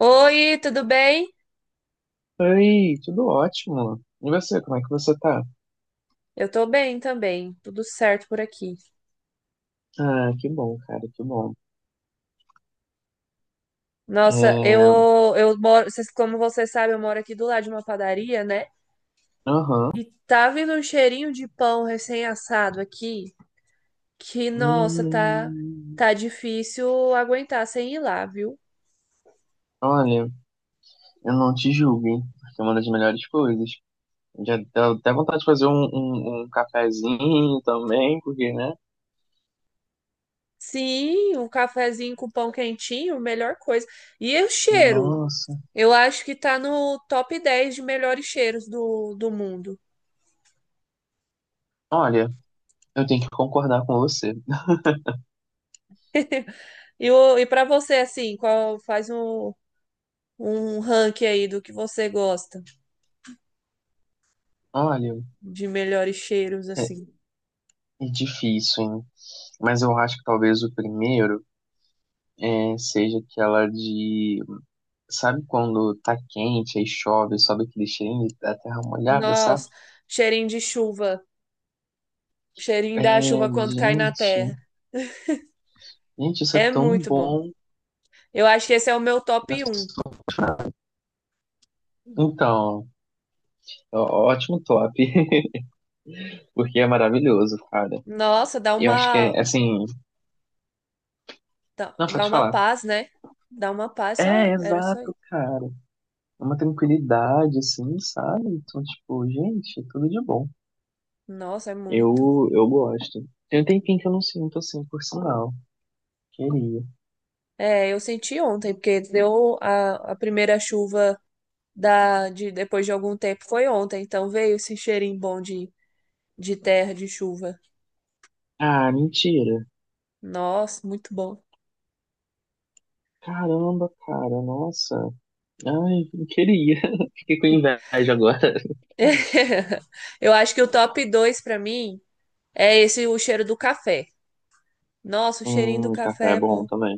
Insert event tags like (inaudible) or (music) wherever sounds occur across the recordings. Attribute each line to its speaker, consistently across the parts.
Speaker 1: Oi, tudo bem?
Speaker 2: Oi, tudo ótimo. E você, como é que você tá?
Speaker 1: Eu tô bem também, tudo certo por aqui.
Speaker 2: Ah, que bom, cara, que bom.
Speaker 1: Nossa, eu
Speaker 2: É.
Speaker 1: eu moro, vocês- como você sabe, eu moro aqui do lado de uma padaria, né?
Speaker 2: Aham.
Speaker 1: E tá vindo um cheirinho de pão recém-assado aqui, que nossa, tá
Speaker 2: Hum.
Speaker 1: tá difícil aguentar sem ir lá, viu?
Speaker 2: Olha, eu não te julgo, hein, porque é uma das melhores coisas. Já dá até vontade de fazer um cafezinho também, porque, né?
Speaker 1: Sim, um cafezinho com pão quentinho, melhor coisa. E o cheiro?
Speaker 2: Nossa.
Speaker 1: Eu acho que tá no top 10 de melhores cheiros do mundo.
Speaker 2: Olha, eu tenho que concordar com você.
Speaker 1: E, o- e para você, assim, qual faz um, um ranking aí do que você gosta
Speaker 2: Olha,
Speaker 1: de melhores cheiros,
Speaker 2: é,
Speaker 1: assim.
Speaker 2: é difícil, hein? Mas eu acho que talvez o primeiro seja aquela de. Sabe quando tá quente, aí chove, sobe aquele cheirinho da terra molhada, sabe?
Speaker 1: Nossa, cheirinho de chuva, cheirinho
Speaker 2: É,
Speaker 1: da chuva quando cai na
Speaker 2: gente,
Speaker 1: terra.
Speaker 2: gente, isso é
Speaker 1: É
Speaker 2: tão
Speaker 1: muito bom.
Speaker 2: bom.
Speaker 1: Eu acho que esse é o meu
Speaker 2: Eu
Speaker 1: top 1.
Speaker 2: sou apaixonado. Então, ótimo top, (laughs) porque é maravilhoso, cara.
Speaker 1: Nossa, dá
Speaker 2: Eu acho que
Speaker 1: uma,
Speaker 2: é assim.
Speaker 1: dá,
Speaker 2: Não,
Speaker 1: dá
Speaker 2: pode
Speaker 1: uma
Speaker 2: falar.
Speaker 1: paz, né? Dá uma paz, só
Speaker 2: É,
Speaker 1: era só
Speaker 2: exato,
Speaker 1: isso.
Speaker 2: cara. É uma tranquilidade, assim, sabe? Então, tipo, gente, é tudo de bom.
Speaker 1: Nossa, é muito.
Speaker 2: Eu gosto. Tem um tempinho que eu não sinto assim, por sinal. Queria.
Speaker 1: É, eu senti ontem, porque deu a primeira chuva da, de, depois de algum tempo foi ontem, então veio esse cheirinho bom de terra, de chuva.
Speaker 2: Ah, mentira.
Speaker 1: Nossa, muito bom.
Speaker 2: Caramba, cara, nossa. Ai, não queria. (laughs) Fiquei com inveja agora.
Speaker 1: (laughs) Eu acho que o top 2 pra mim é esse o cheiro do café. Nossa, o cheirinho do
Speaker 2: Café
Speaker 1: café
Speaker 2: é
Speaker 1: é
Speaker 2: bom
Speaker 1: bom.
Speaker 2: também.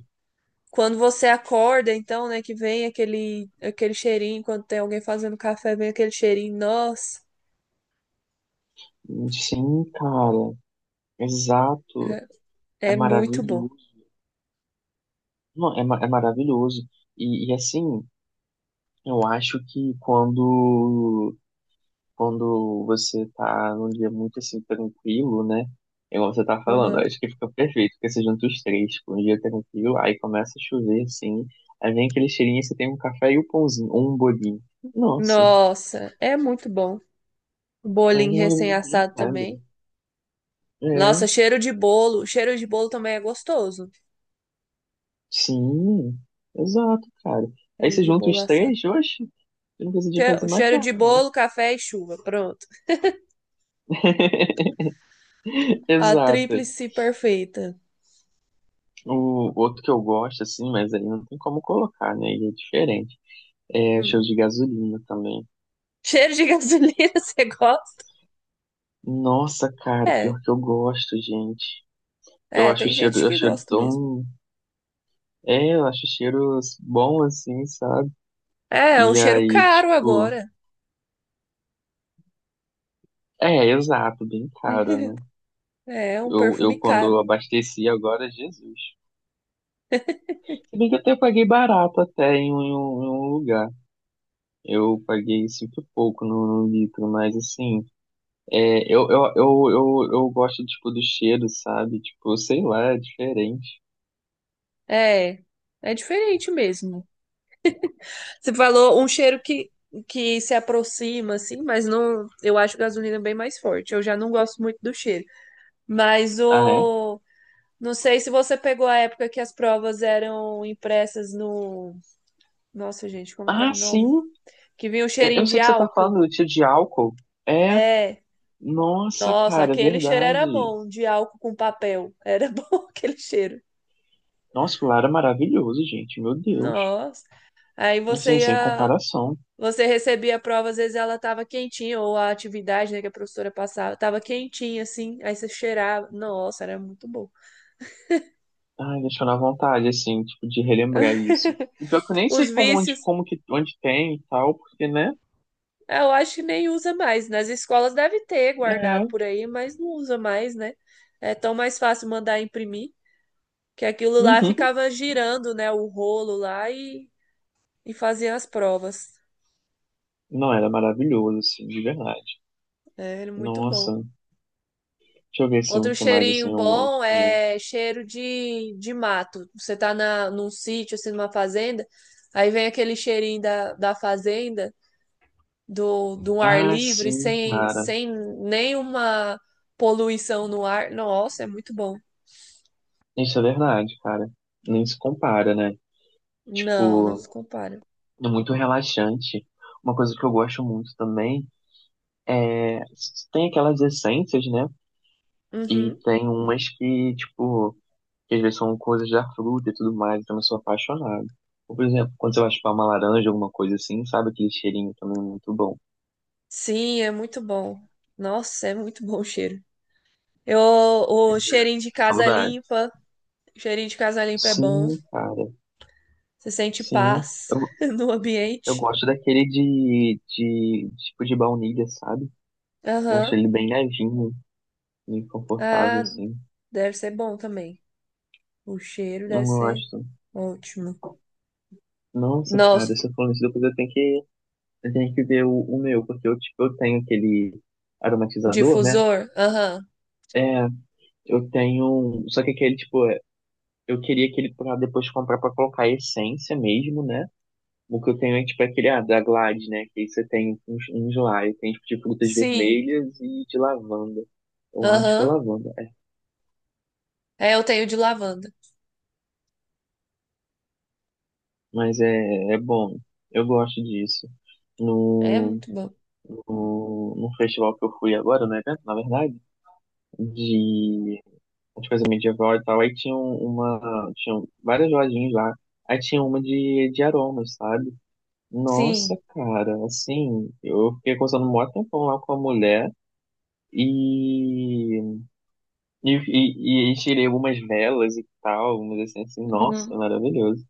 Speaker 1: Quando você acorda, então, né, que vem aquele cheirinho, quando tem alguém fazendo café, vem aquele cheirinho. Nossa,
Speaker 2: Sim, cara, exato.
Speaker 1: é
Speaker 2: É
Speaker 1: é muito bom.
Speaker 2: maravilhoso. Não, é maravilhoso. E assim, eu acho que quando você tá num dia muito assim tranquilo, né? É igual você tá falando, eu
Speaker 1: Aham.
Speaker 2: acho que fica perfeito, porque você junta os três, tipo, um dia tranquilo, aí começa a chover, assim, aí vem aquele cheirinho, você tem um café e um pãozinho, ou um bolinho. Nossa.
Speaker 1: Nossa, é muito bom. O
Speaker 2: É
Speaker 1: bolinho
Speaker 2: ignorância de
Speaker 1: recém-assado
Speaker 2: nada.
Speaker 1: também.
Speaker 2: É,
Speaker 1: Nossa, cheiro de bolo. Cheiro de bolo também é gostoso.
Speaker 2: sim, exato, cara. Aí
Speaker 1: Cheiro
Speaker 2: você
Speaker 1: de
Speaker 2: junta
Speaker 1: bolo
Speaker 2: os
Speaker 1: assado.
Speaker 2: três, oxe, eu não precisa
Speaker 1: Che-
Speaker 2: fazer mais
Speaker 1: Cheiro
Speaker 2: nada,
Speaker 1: de
Speaker 2: não.
Speaker 1: bolo, café e chuva. Pronto.
Speaker 2: (laughs)
Speaker 1: A
Speaker 2: Exato.
Speaker 1: tríplice perfeita.
Speaker 2: O outro que eu gosto, assim, mas aí não tem como colocar, né? Ele é diferente. É
Speaker 1: Hum.
Speaker 2: cheiro de gasolina também.
Speaker 1: Cheiro de gasolina, (laughs) você gosta?
Speaker 2: Nossa, cara,
Speaker 1: É,
Speaker 2: pior que eu gosto, gente. Eu
Speaker 1: é,
Speaker 2: acho o
Speaker 1: tem
Speaker 2: cheiro,
Speaker 1: gente
Speaker 2: eu
Speaker 1: que
Speaker 2: acho cheiro
Speaker 1: gosta mesmo.
Speaker 2: tão. É, eu acho o cheiro bom, assim, sabe?
Speaker 1: É, é um
Speaker 2: E
Speaker 1: cheiro
Speaker 2: aí,
Speaker 1: caro
Speaker 2: tipo.
Speaker 1: agora.
Speaker 2: É, exato, bem caro, né?
Speaker 1: É, é um
Speaker 2: Eu,
Speaker 1: perfume
Speaker 2: eu quando
Speaker 1: caro.
Speaker 2: abasteci agora, Jesus. Se bem que até eu paguei barato até em um lugar. Eu paguei cinco e pouco no litro, mas assim, é, eu gosto, tipo, do cheiro, sabe? Tipo, sei lá, é diferente.
Speaker 1: É, é diferente mesmo. Você falou um cheiro que se aproxima, assim, mas não. Eu acho gasolina bem mais forte. Eu já não gosto muito do cheiro. Mas
Speaker 2: Ah, é?
Speaker 1: o. Não sei se você pegou a época que as provas eram impressas no. Nossa, gente, como que era
Speaker 2: Ah,
Speaker 1: o nome?
Speaker 2: sim!
Speaker 1: Que vinha o
Speaker 2: Eu,
Speaker 1: cheirinho
Speaker 2: eu
Speaker 1: de
Speaker 2: sei que você tá
Speaker 1: álcool.
Speaker 2: falando do tio de álcool. É,
Speaker 1: É.
Speaker 2: nossa,
Speaker 1: Nossa,
Speaker 2: cara, é
Speaker 1: aquele cheiro era
Speaker 2: verdade.
Speaker 1: bom, de álcool com papel. Era (laughs) bom aquele cheiro.
Speaker 2: Nossa, o lar é maravilhoso, gente. Meu Deus.
Speaker 1: Nossa. Aí
Speaker 2: Assim,
Speaker 1: você
Speaker 2: sem
Speaker 1: ia,
Speaker 2: comparação.
Speaker 1: você recebia a prova, às vezes ela tava quentinha, ou a atividade, né, que a professora passava, tava quentinha assim, aí você cheirava. Nossa, era muito bom.
Speaker 2: Ai, deixou na vontade, assim, tipo, de relembrar
Speaker 1: (laughs)
Speaker 2: isso. E pior que eu nem
Speaker 1: Os
Speaker 2: sei como, onde,
Speaker 1: vícios,
Speaker 2: como que, onde tem e tal, porque, né?
Speaker 1: eu acho que nem usa mais. Nas escolas deve ter guardado
Speaker 2: É.
Speaker 1: por aí, mas não usa mais, né? É tão mais fácil mandar imprimir, que aquilo lá
Speaker 2: Uhum.
Speaker 1: ficava girando, né, o rolo lá e fazia as provas.
Speaker 2: Não, era maravilhoso, assim, de verdade.
Speaker 1: É, ele é muito bom.
Speaker 2: Nossa. Deixa eu ver, assim, o
Speaker 1: Outro
Speaker 2: que mais,
Speaker 1: cheirinho
Speaker 2: assim, eu gosto
Speaker 1: bom
Speaker 2: também.
Speaker 1: é cheiro de mato. Você tá na, num sítio, assim, numa fazenda, aí vem aquele cheirinho da, da fazenda, do ar
Speaker 2: Ah,
Speaker 1: livre,
Speaker 2: sim,
Speaker 1: sem,
Speaker 2: cara.
Speaker 1: sem nenhuma poluição no ar. Nossa, é muito bom.
Speaker 2: Isso é verdade, cara. Nem se compara, né?
Speaker 1: Não, não se
Speaker 2: Tipo,
Speaker 1: compara.
Speaker 2: é muito relaxante. Uma coisa que eu gosto muito também é, tem aquelas essências, né?
Speaker 1: Uhum.
Speaker 2: E tem umas que, tipo, que às vezes são coisas da fruta e tudo mais, então eu sou apaixonado. Ou, por exemplo, quando você vai chupar uma laranja, alguma coisa assim, sabe aquele cheirinho também muito bom.
Speaker 1: Sim, é muito bom. Nossa, é muito bom o cheiro. Eu, o cheirinho de casa
Speaker 2: Saudade.
Speaker 1: limpa, o cheirinho de casa limpa é bom.
Speaker 2: Sim, cara,
Speaker 1: Você sente
Speaker 2: sim.
Speaker 1: paz
Speaker 2: Eu,
Speaker 1: (laughs) no
Speaker 2: eu
Speaker 1: ambiente.
Speaker 2: gosto daquele de tipo de baunilha, sabe? Eu acho
Speaker 1: Aham.
Speaker 2: ele bem levinho, bem confortável,
Speaker 1: Ah,
Speaker 2: assim.
Speaker 1: deve ser bom também. O cheiro deve
Speaker 2: Não
Speaker 1: ser
Speaker 2: gosto.
Speaker 1: ótimo.
Speaker 2: Nossa, cara,
Speaker 1: Nossa,
Speaker 2: se eu for isso, depois eu tenho que ver o meu, porque eu, tipo, eu tenho aquele
Speaker 1: o
Speaker 2: aromatizador, né?
Speaker 1: difusor? Aham.
Speaker 2: É, eu tenho. Só que aquele, tipo, eu queria aquele pra depois comprar pra colocar a essência mesmo, né? O que eu tenho é tipo aquele, ah, da Glade, né? Que aí você tem uns lá, e tem tipo de frutas
Speaker 1: Sim.
Speaker 2: vermelhas e de lavanda. Eu acho que é
Speaker 1: Aham.
Speaker 2: lavanda, é.
Speaker 1: É, eu tenho de lavanda.
Speaker 2: Mas é bom. Eu gosto disso.
Speaker 1: É
Speaker 2: No,
Speaker 1: muito bom.
Speaker 2: no festival que eu fui agora, no evento, na verdade, de, de coisa medieval e tal, aí tinha uma, tinha várias lojinhas lá. Aí tinha uma de aromas, sabe? Nossa,
Speaker 1: Sim.
Speaker 2: cara, assim, eu fiquei conversando um maior tempão lá com a mulher e, e tirei algumas velas e tal, mas assim, assim, nossa,
Speaker 1: Uhum.
Speaker 2: maravilhoso.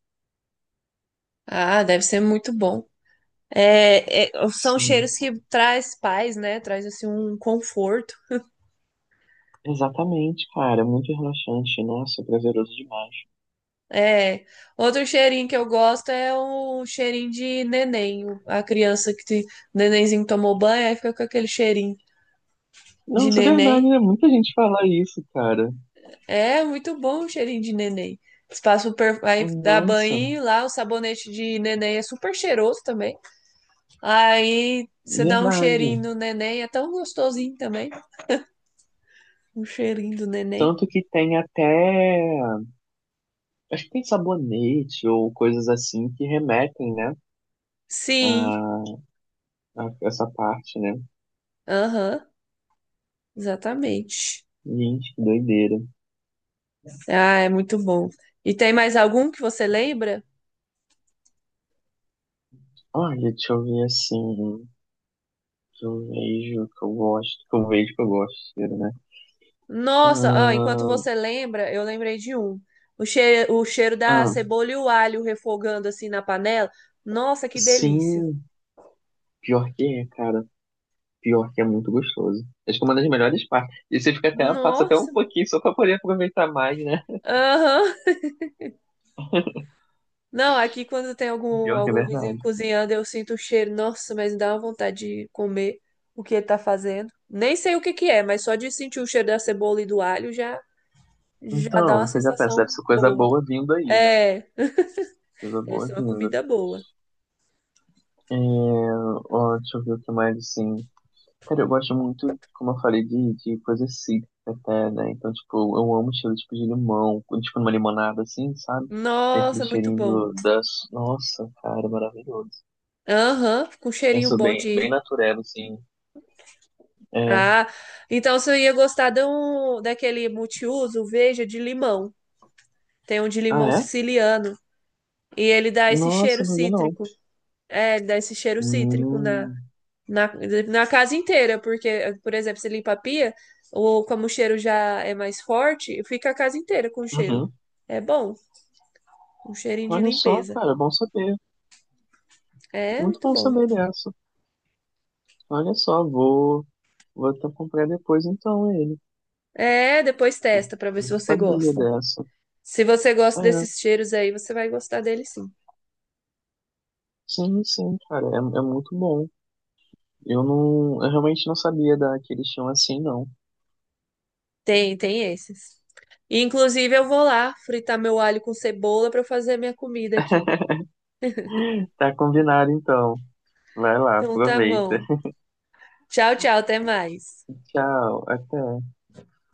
Speaker 1: Ah, deve ser muito bom. É, é, são
Speaker 2: Sim,
Speaker 1: cheiros que traz paz, né? Traz assim um conforto.
Speaker 2: exatamente, cara, muito relaxante, nossa, prazeroso demais.
Speaker 1: É. Outro cheirinho que eu gosto é o cheirinho de neném. A criança que te- nenenzinho tomou banho, aí fica com aquele cheirinho de
Speaker 2: Nossa, é verdade,
Speaker 1: neném.
Speaker 2: né? Muita gente fala isso, cara.
Speaker 1: É muito bom o cheirinho de neném. Eles passam per... aí dá
Speaker 2: Nossa,
Speaker 1: banho lá, o sabonete de neném é super cheiroso também. Aí você dá um
Speaker 2: verdade.
Speaker 1: cheirinho no neném, é tão gostosinho também. O cheirinho do neném.
Speaker 2: Tanto que tem até, acho que tem sabonete ou coisas assim que remetem, né, a,
Speaker 1: Sim,
Speaker 2: a essa parte, né?
Speaker 1: aham, exatamente.
Speaker 2: Gente, que doideira.
Speaker 1: Ah, é muito bom. E tem mais algum que você lembra?
Speaker 2: Olha, deixa eu ver assim. Que eu vejo, que eu gosto. Que eu vejo, que eu gosto, né?
Speaker 1: Nossa, ah, enquanto
Speaker 2: Ah,
Speaker 1: você lembra, eu lembrei de um. O cheiro da
Speaker 2: ah,
Speaker 1: cebola e o alho refogando assim na panela. Nossa, que
Speaker 2: sim.
Speaker 1: delícia.
Speaker 2: Pior que é, cara. Pior que é muito gostoso. Acho que é uma das melhores partes. E você fica até, passa até um
Speaker 1: Nossa,
Speaker 2: pouquinho só pra poder aproveitar mais, né?
Speaker 1: aham. Não, aqui quando tem algum,
Speaker 2: Pior que é
Speaker 1: algum vizinho
Speaker 2: verdade.
Speaker 1: cozinhando, eu sinto o cheiro. Nossa, mas dá uma vontade de comer o que ele tá fazendo. Nem sei o que que é, mas só de sentir o cheiro da cebola e do alho já, já dá
Speaker 2: Então,
Speaker 1: uma
Speaker 2: você já pensa,
Speaker 1: sensação
Speaker 2: deve ser coisa
Speaker 1: boa.
Speaker 2: boa vindo aí, né?
Speaker 1: É,
Speaker 2: Coisa
Speaker 1: deve
Speaker 2: boa
Speaker 1: ser uma
Speaker 2: vindo.
Speaker 1: comida boa.
Speaker 2: É, ó, deixa eu ver o que mais, assim. Cara, eu gosto muito, como eu falei, de coisa cítrica até, né? Então, tipo, eu amo cheiro tipo de limão, quando, tipo numa limonada assim, sabe? Tem aquele
Speaker 1: Nossa, muito
Speaker 2: cheirinho
Speaker 1: bom.
Speaker 2: do, das... Nossa, cara, maravilhoso.
Speaker 1: Aham, com
Speaker 2: Eu
Speaker 1: cheirinho
Speaker 2: sou
Speaker 1: bom
Speaker 2: bem, bem
Speaker 1: de.
Speaker 2: natureba, assim. É.
Speaker 1: Ah, então você ia gostar de um, daquele multiuso, veja, de limão. Tem um de
Speaker 2: Ah,
Speaker 1: limão
Speaker 2: é?
Speaker 1: siciliano. E ele dá esse
Speaker 2: Nossa,
Speaker 1: cheiro
Speaker 2: não vi não.
Speaker 1: cítrico. É, ele dá esse cheiro cítrico na
Speaker 2: Hum.
Speaker 1: Na, na casa inteira, porque, por exemplo, você limpa a pia, ou como o cheiro já é mais forte, fica a casa inteira com cheiro.
Speaker 2: Uhum.
Speaker 1: É bom, um cheirinho de
Speaker 2: Olha só,
Speaker 1: limpeza.
Speaker 2: cara, bom saber.
Speaker 1: É
Speaker 2: Muito
Speaker 1: muito
Speaker 2: bom
Speaker 1: bom.
Speaker 2: saber dessa. Olha só, vou até comprar depois então ele.
Speaker 1: É, depois
Speaker 2: Pô.
Speaker 1: testa pra ver
Speaker 2: Eu
Speaker 1: se
Speaker 2: não
Speaker 1: você
Speaker 2: sabia
Speaker 1: gosta.
Speaker 2: dessa.
Speaker 1: Se você gosta
Speaker 2: É,
Speaker 1: desses cheiros aí, você vai gostar dele sim.
Speaker 2: sim, sim, cara, é muito bom. Eu não, eu realmente não sabia da que eles tinham assim, não.
Speaker 1: Tem, tem esses. Inclusive, eu vou lá fritar meu alho com cebola pra fazer minha comida aqui.
Speaker 2: Tá combinado então. Vai lá,
Speaker 1: Então tá
Speaker 2: aproveita.
Speaker 1: bom. Tchau, tchau, até mais.
Speaker 2: (laughs) Tchau, até.